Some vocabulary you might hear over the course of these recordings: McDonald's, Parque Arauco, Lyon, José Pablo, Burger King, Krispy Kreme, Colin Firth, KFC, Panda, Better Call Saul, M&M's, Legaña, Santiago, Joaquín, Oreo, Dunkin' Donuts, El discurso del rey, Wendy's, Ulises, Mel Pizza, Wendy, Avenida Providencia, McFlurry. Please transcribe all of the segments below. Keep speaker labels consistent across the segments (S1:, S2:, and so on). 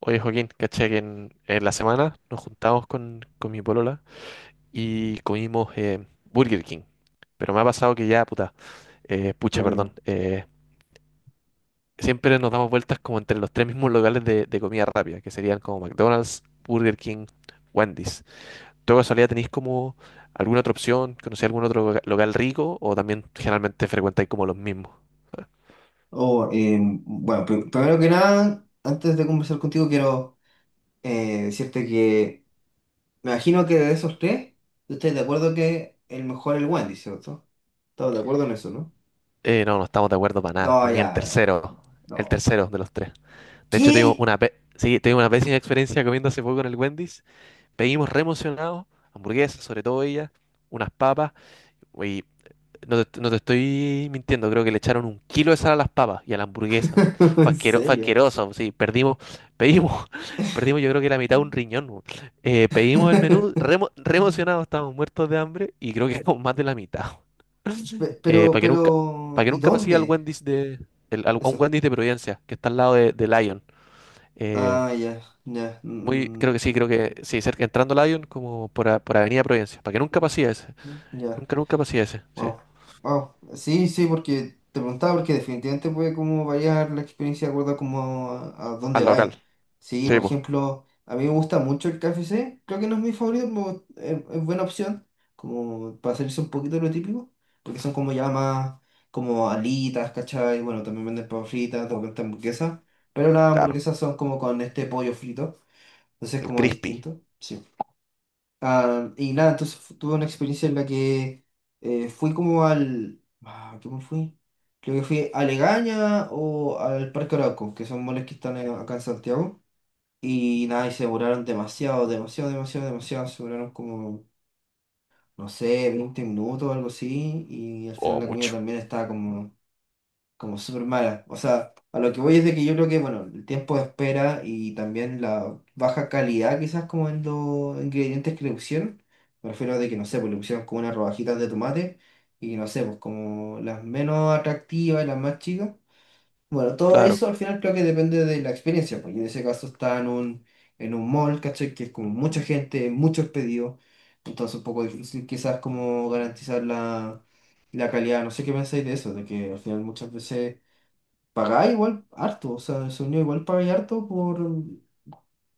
S1: Oye, Joaquín, caché que en la semana nos juntamos con mi polola y comimos Burger King. Pero me ha pasado que ya, puta, pucha,
S2: Pero,
S1: perdón, siempre nos damos vueltas como entre los tres mismos locales de comida rápida, que serían como McDonald's, Burger King, Wendy's. ¿Tú de casualidad tenéis como alguna otra opción? ¿Conocéis algún otro local rico? ¿O también generalmente frecuentáis como los mismos?
S2: oh, bueno, primero que nada, antes de conversar contigo, quiero decirte que me imagino que de esos tres, tú estás de acuerdo que el mejor es el Wendy, ¿cierto? Estamos de acuerdo en eso, ¿no?
S1: No, no estamos de acuerdo para nada.
S2: No,
S1: Para mí
S2: ya, no, no,
S1: el
S2: no.
S1: tercero de los tres. De hecho, tuvimos
S2: ¿Qué?
S1: sí, tuvimos una pésima experiencia comiendo hace poco en el Wendy's. Pedimos re emocionados, hamburguesas, sobre todo ellas, unas papas. Y no te estoy mintiendo, creo que le echaron un kilo de sal a las papas y a la hamburguesa, weón. Fue
S2: ¿En
S1: fue
S2: serio?
S1: asqueroso, sí, pedimos, perdimos yo creo que la mitad de un riñón, weón. Pedimos el menú, re emocionados, estábamos muertos de hambre y creo que con más de la mitad, weón. Eh, para que nunca, para
S2: Pero,
S1: que
S2: ¿y
S1: nunca pasé al
S2: dónde?
S1: Wendy's a un
S2: Eso.
S1: Wendy's de Providencia, que está al lado de Lion. Eh,
S2: Ah, ya, ya,
S1: Muy,
S2: mm,
S1: creo que sí, cerca entrando a Lyon por Avenida Providencia, para que nunca pasía ese,
S2: mm, ya.
S1: nunca pasía ese, sí.
S2: Wow, wow. Sí, sí, porque te preguntaba, porque definitivamente puede como variar la experiencia de acuerdo como a dónde
S1: Al local.
S2: vais. Sí,
S1: Sí,
S2: por
S1: pues.
S2: ejemplo, a mí me gusta mucho el KFC, creo que no es mi favorito, pero es buena opción, como para salirse un poquito de lo típico, porque son como ya más, como alitas, ¿cachai? Bueno, también venden papas fritas, de repente hamburguesas, pero las
S1: Claro.
S2: hamburguesas son como con este pollo frito, entonces es
S1: El
S2: como
S1: crispy.
S2: distinto. Sí. Ah, y nada, entonces tuve una experiencia en la que fui como al... Ah, ¿cómo fui? Creo que fui a Legaña o al Parque Arauco, que son moles que están acá en Santiago. Y nada, y se demoraron demasiado, demasiado, demasiado, demasiado. Se demoraron como, no sé, 20 minutos o algo así. Y al final
S1: O
S2: la comida
S1: mucho.
S2: también estaba como súper mala. O sea, a lo que voy es de que yo creo que, bueno, el tiempo de espera y también la baja calidad quizás como en los ingredientes que le pusieron. Me refiero a de que, no sé, pues le pusieron como unas rodajitas de tomate y no sé, pues como las menos atractivas y las más chicas. Bueno, todo
S1: Claro,
S2: eso al final creo que depende de la experiencia, porque en ese caso está en en un mall, ¿cachai? Que es como mucha gente, muchos pedidos, entonces un poco difícil quizás como garantizar la calidad. No sé qué pensáis de eso, de que al final muchas veces pagáis igual harto, o sea, el sonido igual pagáis harto por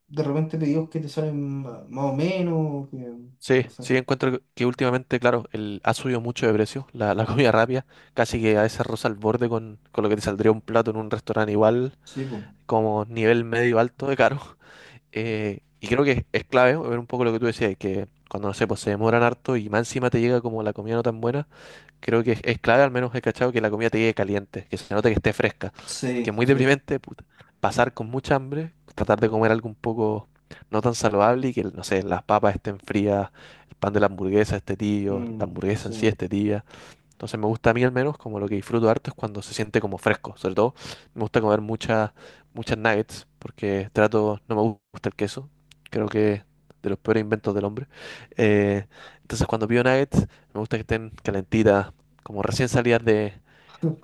S2: de repente pedidos que te salen más o menos, o que,
S1: sí,
S2: o sea,
S1: sí, encuentro que últimamente, claro, ha subido mucho de precio la comida rápida, casi que a veces rosa al borde con lo que te saldría un plato en un restaurante igual,
S2: sí, pues,
S1: como nivel medio alto de caro. Y creo que es clave ver un poco lo que tú decías, que cuando, no sé, pues se demoran harto y más encima te llega como la comida no tan buena. Creo que es clave, al menos he cachado, que la comida te llegue caliente, que se note que esté fresca. Porque es
S2: sí,
S1: muy
S2: sí,
S1: deprimente, puta, pasar con mucha hambre, tratar de comer algo un poco no tan saludable y que, no sé, las papas estén frías, el pan de la hamburguesa esté tibio, la
S2: mm,
S1: hamburguesa
S2: sí.
S1: en sí esté tibia. Entonces me gusta a mí al menos, como lo que disfruto harto es cuando se siente como fresco. Sobre todo me gusta comer muchas nuggets porque trato, no me gusta el queso. Creo que es de los peores inventos del hombre. Eh, entonces cuando pido nuggets me gusta que estén calentitas, como recién salidas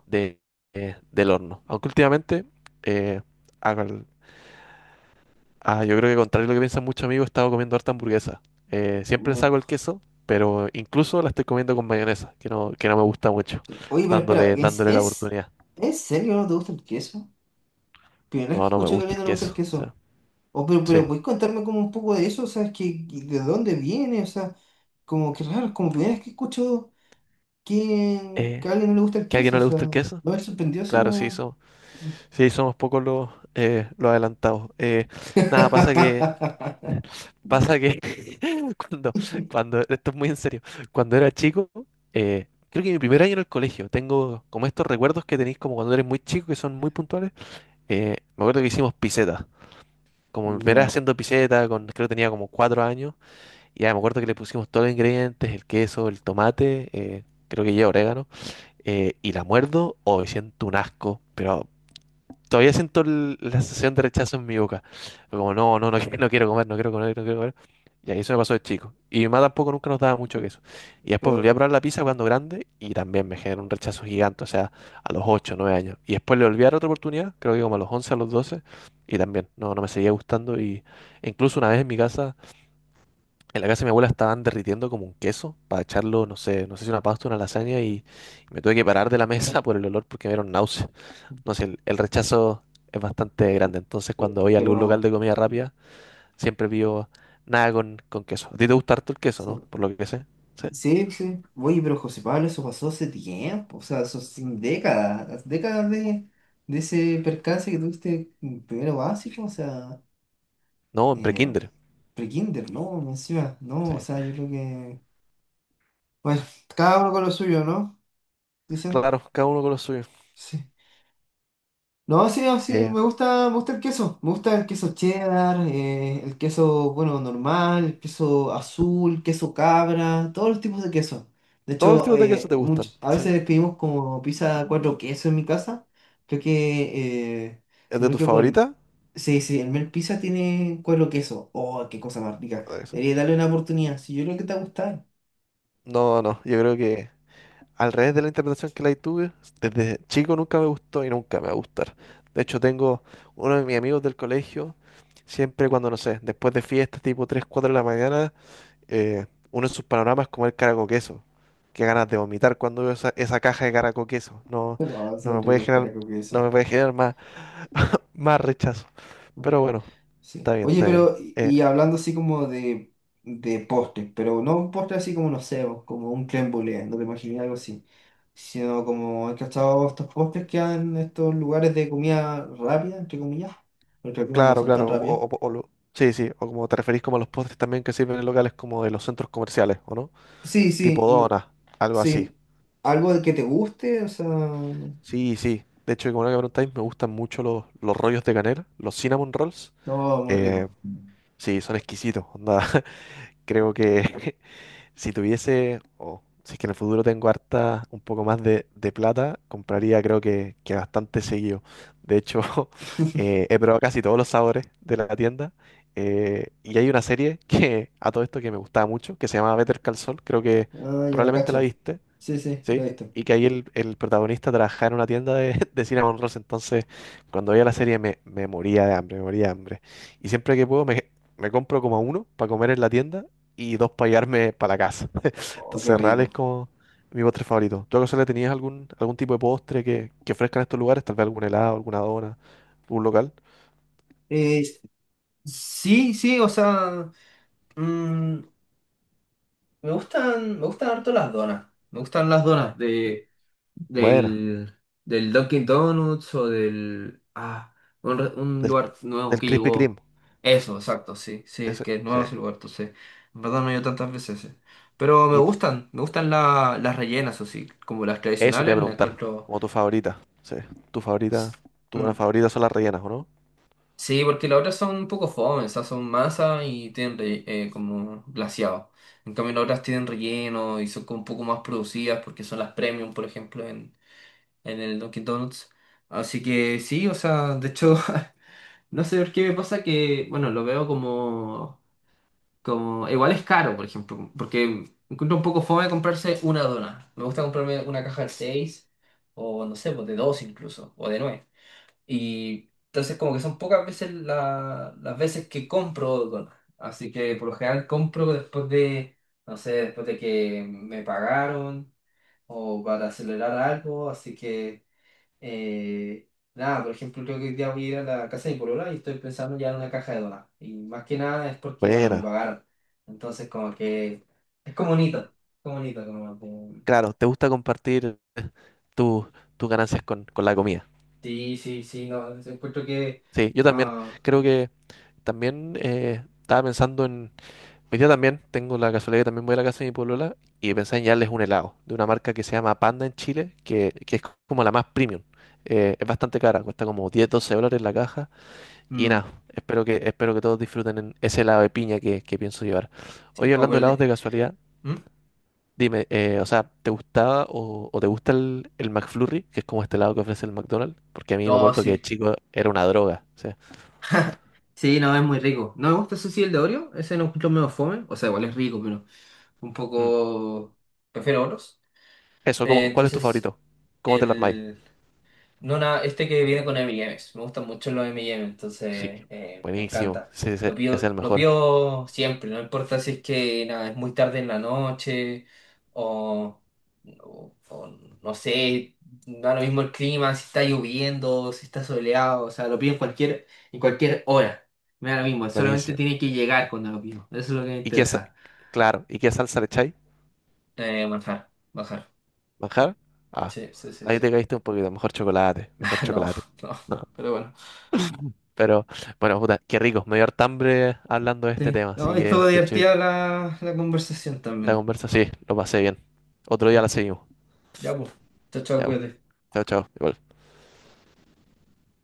S1: de, del horno. Aunque últimamente eh, hago el- ah, yo creo que contrario a lo que piensan muchos amigos, he estado comiendo harta hamburguesa. Siempre le
S2: Ya.
S1: saco el queso, pero incluso la estoy comiendo con mayonesa, que no me gusta mucho,
S2: Oye, pero espera,
S1: dándole la oportunidad.
S2: ¿en serio no te gusta el queso? Primera vez que
S1: No, no me
S2: escucho que a
S1: gusta
S2: alguien
S1: el
S2: no le gusta el
S1: queso, o sea,
S2: queso. O,
S1: sí.
S2: pero, ¿puedes contarme como un poco de eso? O sea, es que ¿de dónde viene? O sea, como que raro, es como primera vez que escucho
S1: Eh,
S2: que a alguien no le gusta el
S1: ¿Que a alguien
S2: queso.
S1: no
S2: O
S1: le
S2: sea,
S1: gusta el
S2: no
S1: queso?
S2: me ha sorprendido así
S1: Claro, sí,
S2: como...
S1: somos, sí, somos pocos los adelantados. Nada, pasa que cuando, esto es muy en serio, cuando era chico, creo que mi primer año en el colegio, tengo como estos recuerdos que tenéis como cuando eres muy chico que son muy puntuales. Me acuerdo que hicimos piseta. Como me era
S2: Ya,
S1: haciendo piseta, con, creo que tenía como cuatro años. Y ya me acuerdo que le pusimos todos los ingredientes, el queso, el tomate, creo que lleva orégano. Y la muerdo, o me siento un asco, pero todavía siento la sensación de rechazo en mi boca. Fue como, no, no, no, no quiero comer, no quiero comer, no quiero comer. Y ahí eso me pasó de chico. Y mi mamá tampoco nunca nos daba mucho queso. Y después volví
S2: pero...
S1: a probar la pizza cuando grande y también me generó un rechazo gigante, o sea, a los 8 9 años. Y después le volví a dar otra oportunidad, creo que como a los 11 a los 12 y también no, no me seguía gustando. Y e incluso una vez en mi casa, en la casa de mi abuela estaban derritiendo como un queso para echarlo, no sé, no sé si una pasta, una lasaña, y me tuve que parar de la mesa por el olor porque me dieron náuseas. No sé, el rechazo es bastante grande. Entonces, cuando voy a
S2: Pero,
S1: algún local de comida rápida, siempre pido nada con queso. ¿A ti te gusta harto el queso,
S2: sí,
S1: no? Por lo que sé. ¿Sí?
S2: sí, sí. Oye, pero José Pablo, eso pasó hace tiempo, o sea, eso sin décadas, las décadas de ese percance que tuviste en primero básico, o sea,
S1: No, en
S2: eh,
S1: prekinder.
S2: pre-kinder, ¿no? Encima, no, o
S1: Sí.
S2: sea, yo creo que, bueno, cada uno con lo suyo, ¿no? Dicen,
S1: Claro, cada uno con lo suyo.
S2: sí. No, sí, no, sí,
S1: Eh,
S2: me gusta el queso. Me gusta el queso cheddar, el queso, bueno, normal, el queso azul, queso cabra, todos los tipos de queso. De
S1: Todos los
S2: hecho,
S1: tipos de queso te gustan.
S2: a
S1: ¿Sí?
S2: veces pedimos como pizza 4 quesos en mi casa. Creo que,
S1: ¿Es
S2: si no
S1: de
S2: me
S1: tus
S2: equivoco,
S1: favoritas?
S2: sí, sí, el Mel Pizza tiene cuero queso. Oh, qué cosa más rica.
S1: Puta que sí.
S2: Debería darle una oportunidad. Si yo creo que te va a gustar.
S1: No, no, yo creo que al revés de la interpretación que la tuve, desde chico nunca me gustó y nunca me va a gustar. De hecho, tengo uno de mis amigos del colegio, siempre cuando, no sé, después de fiestas, tipo 3 4 de la mañana, uno de sus panoramas como el caraco queso. Qué ganas de vomitar cuando veo esa caja de caraco queso. No,
S2: Pero, ah,
S1: no
S2: son
S1: me puede
S2: ricos,
S1: generar,
S2: pero con
S1: no
S2: queso.
S1: me puede generar más, más rechazo. Pero bueno, está
S2: Sí.
S1: bien,
S2: Oye,
S1: está bien.
S2: pero, y
S1: Eh,
S2: y hablando así como de postres, pero no un postre así como, no sé, o como un crème brûlée, no te imaginé algo así, sino como, he cachado estos postres que hay en estos lugares de comida rápida, entre comillas, porque algunos no
S1: claro,
S2: son tan
S1: claro. O,
S2: rápidas.
S1: o- o- o lo- sí, sí. O como te referís como a los postres también que sirven en locales como de los centros comerciales, ¿o no?
S2: Sí, sí,
S1: Tipo
S2: no,
S1: donas, algo así.
S2: sí, algo de que te guste, o sea, no,
S1: Sí, sí. De hecho, como no que preguntáis, me gustan mucho los rollos de canela, los cinnamon rolls.
S2: muy
S1: Eh,
S2: rico.
S1: sí, son exquisitos. Onda, creo que si tuviese, o si es que en el futuro tengo harta, un poco más de plata, compraría creo que bastante seguido. De hecho, he probado casi todos los sabores de la tienda. Y hay una serie que a todo esto que me gustaba mucho, que se llama Better Call Saul, creo que
S2: Ah, ya la
S1: probablemente la
S2: cacho.
S1: viste,
S2: Sí, sí, lo
S1: ¿sí?
S2: he visto.
S1: Y que ahí el protagonista trabajaba en una tienda de cinnamon rolls, entonces cuando veía la serie me moría de hambre, me moría de hambre. Y siempre que puedo me compro como uno para comer en la tienda y dos para llevarme para la casa.
S2: Oh, qué
S1: Entonces, real es
S2: rico.
S1: como mi postre favorito. ¿Tú acaso le tenías algún, algún tipo de postre que ofrezcan estos lugares? Tal vez algún helado, alguna dona, un local.
S2: Eh, sí, sí, o sea, mm, me gustan, me gustan harto las donas. Me gustan las donas
S1: Sí. Buena,
S2: del, del Dunkin' Donuts o del... Ah, un, un
S1: del,
S2: lugar nuevo
S1: del
S2: que
S1: Krispy Kreme.
S2: llegó. Eso, exacto, sí. Sí, es
S1: Ese,
S2: que es
S1: sí.
S2: nuevo ese lugar, entonces... En verdad no he ido tantas veces. Eh. Pero
S1: Y
S2: me gustan las rellenas, o sí. Como las
S1: eso te iba
S2: tradicionales,
S1: a
S2: las
S1: preguntar,
S2: encuentro...
S1: como tu favorita. Sí, tu favorita, tu dona
S2: Mm.
S1: favorita son las rellenas, ¿o no?
S2: Sí, porque las otras son un poco fome, o sea, son masa y tienen como glaseado. En cambio, las otras tienen relleno y son como un poco más producidas porque son las premium, por ejemplo, en el Dunkin' Donuts. Así que sí, o sea, de hecho, no sé por qué me pasa que, bueno, lo veo como, como, igual es caro, por ejemplo, porque encuentro un poco fome comprarse una dona. Me gusta comprarme una caja de 6 o, no sé, pues, de 2 incluso, o de 9. Y entonces como que son pocas veces las veces que compro donas. Así que por lo general compro después de, no sé, después de que me pagaron o para acelerar algo. Así que, nada, por ejemplo, creo que hoy día voy a ir a la casa de mi polola y estoy pensando ya en una caja de donas. Y más que nada es porque, bueno, me
S1: Buena.
S2: pagaron. Entonces como que es como bonito, como bonito, como... como...
S1: Claro, te gusta compartir tu- tus ganancias con la comida.
S2: Sí, sí, sí, no, encuentro que...
S1: Sí, yo también.
S2: ah,
S1: Creo que también estaba pensando, hoy día también tengo la casualidad que también voy a la casa de mi polola y pensé en llevarles un helado de una marca que se llama Panda en Chile, que es como la más premium. Es bastante cara, cuesta como 10-12 dólares la caja y
S2: mm,
S1: nada, espero que todos disfruten en ese helado de piña que pienso llevar.
S2: sí,
S1: Hoy
S2: no,
S1: hablando de
S2: pero
S1: helados
S2: de...
S1: de casualidad,
S2: ¿Mm?
S1: dime, ¿te gustaba o te gusta el McFlurry, que es como este helado que ofrece el McDonald's? Porque a mí me
S2: Oh,
S1: acuerdo que de
S2: sí.
S1: chico era una droga, o sea,
S2: Sí, no, es muy rico. No me gusta ese sí, el de Oreo. Ese no encuentro medio fome. O sea, igual es rico, pero un
S1: mm.
S2: poco... Prefiero otros.
S1: Eso, ¿cuál es tu
S2: Entonces,
S1: favorito? ¿Cómo te lo armáis?
S2: el... No, nada, este que viene con M&M's. Me gustan mucho los M&M's,
S1: Sí,
S2: entonces me
S1: buenísimo.
S2: encanta.
S1: Sí, ese es el
S2: Lo
S1: mejor.
S2: pido siempre, no importa si es que nada, es muy tarde en la noche o, o no sé, da lo mismo el clima, si está lloviendo, si está soleado, o sea, lo pido en cualquier hora. Me da lo mismo, solamente
S1: Buenísimo.
S2: tiene que llegar cuando lo pido. Eso es lo que me
S1: ¿Y qué, sa-
S2: interesa.
S1: claro, ¿y qué salsa le echáis?
S2: Bajar, bajar.
S1: ¿Manjar? Ah,
S2: Sí, sí, sí, sí.
S1: ahí te
S2: Sí.
S1: caíste un poquito. Mejor chocolate, mejor
S2: No,
S1: chocolate.
S2: no,
S1: Ah,
S2: no, pero bueno.
S1: Pero, bueno, puta, qué rico. Me dio harta hambre hablando de este
S2: Sí.
S1: tema.
S2: No,
S1: Así
S2: estuvo
S1: que, de hecho,
S2: divertida la, la conversación
S1: la
S2: también.
S1: conversa sí, lo pasé bien. Otro día la seguimos.
S2: Ya, pues. Chao, chao,
S1: Ya, bu,
S2: cuídate.
S1: chao, chao. Igual.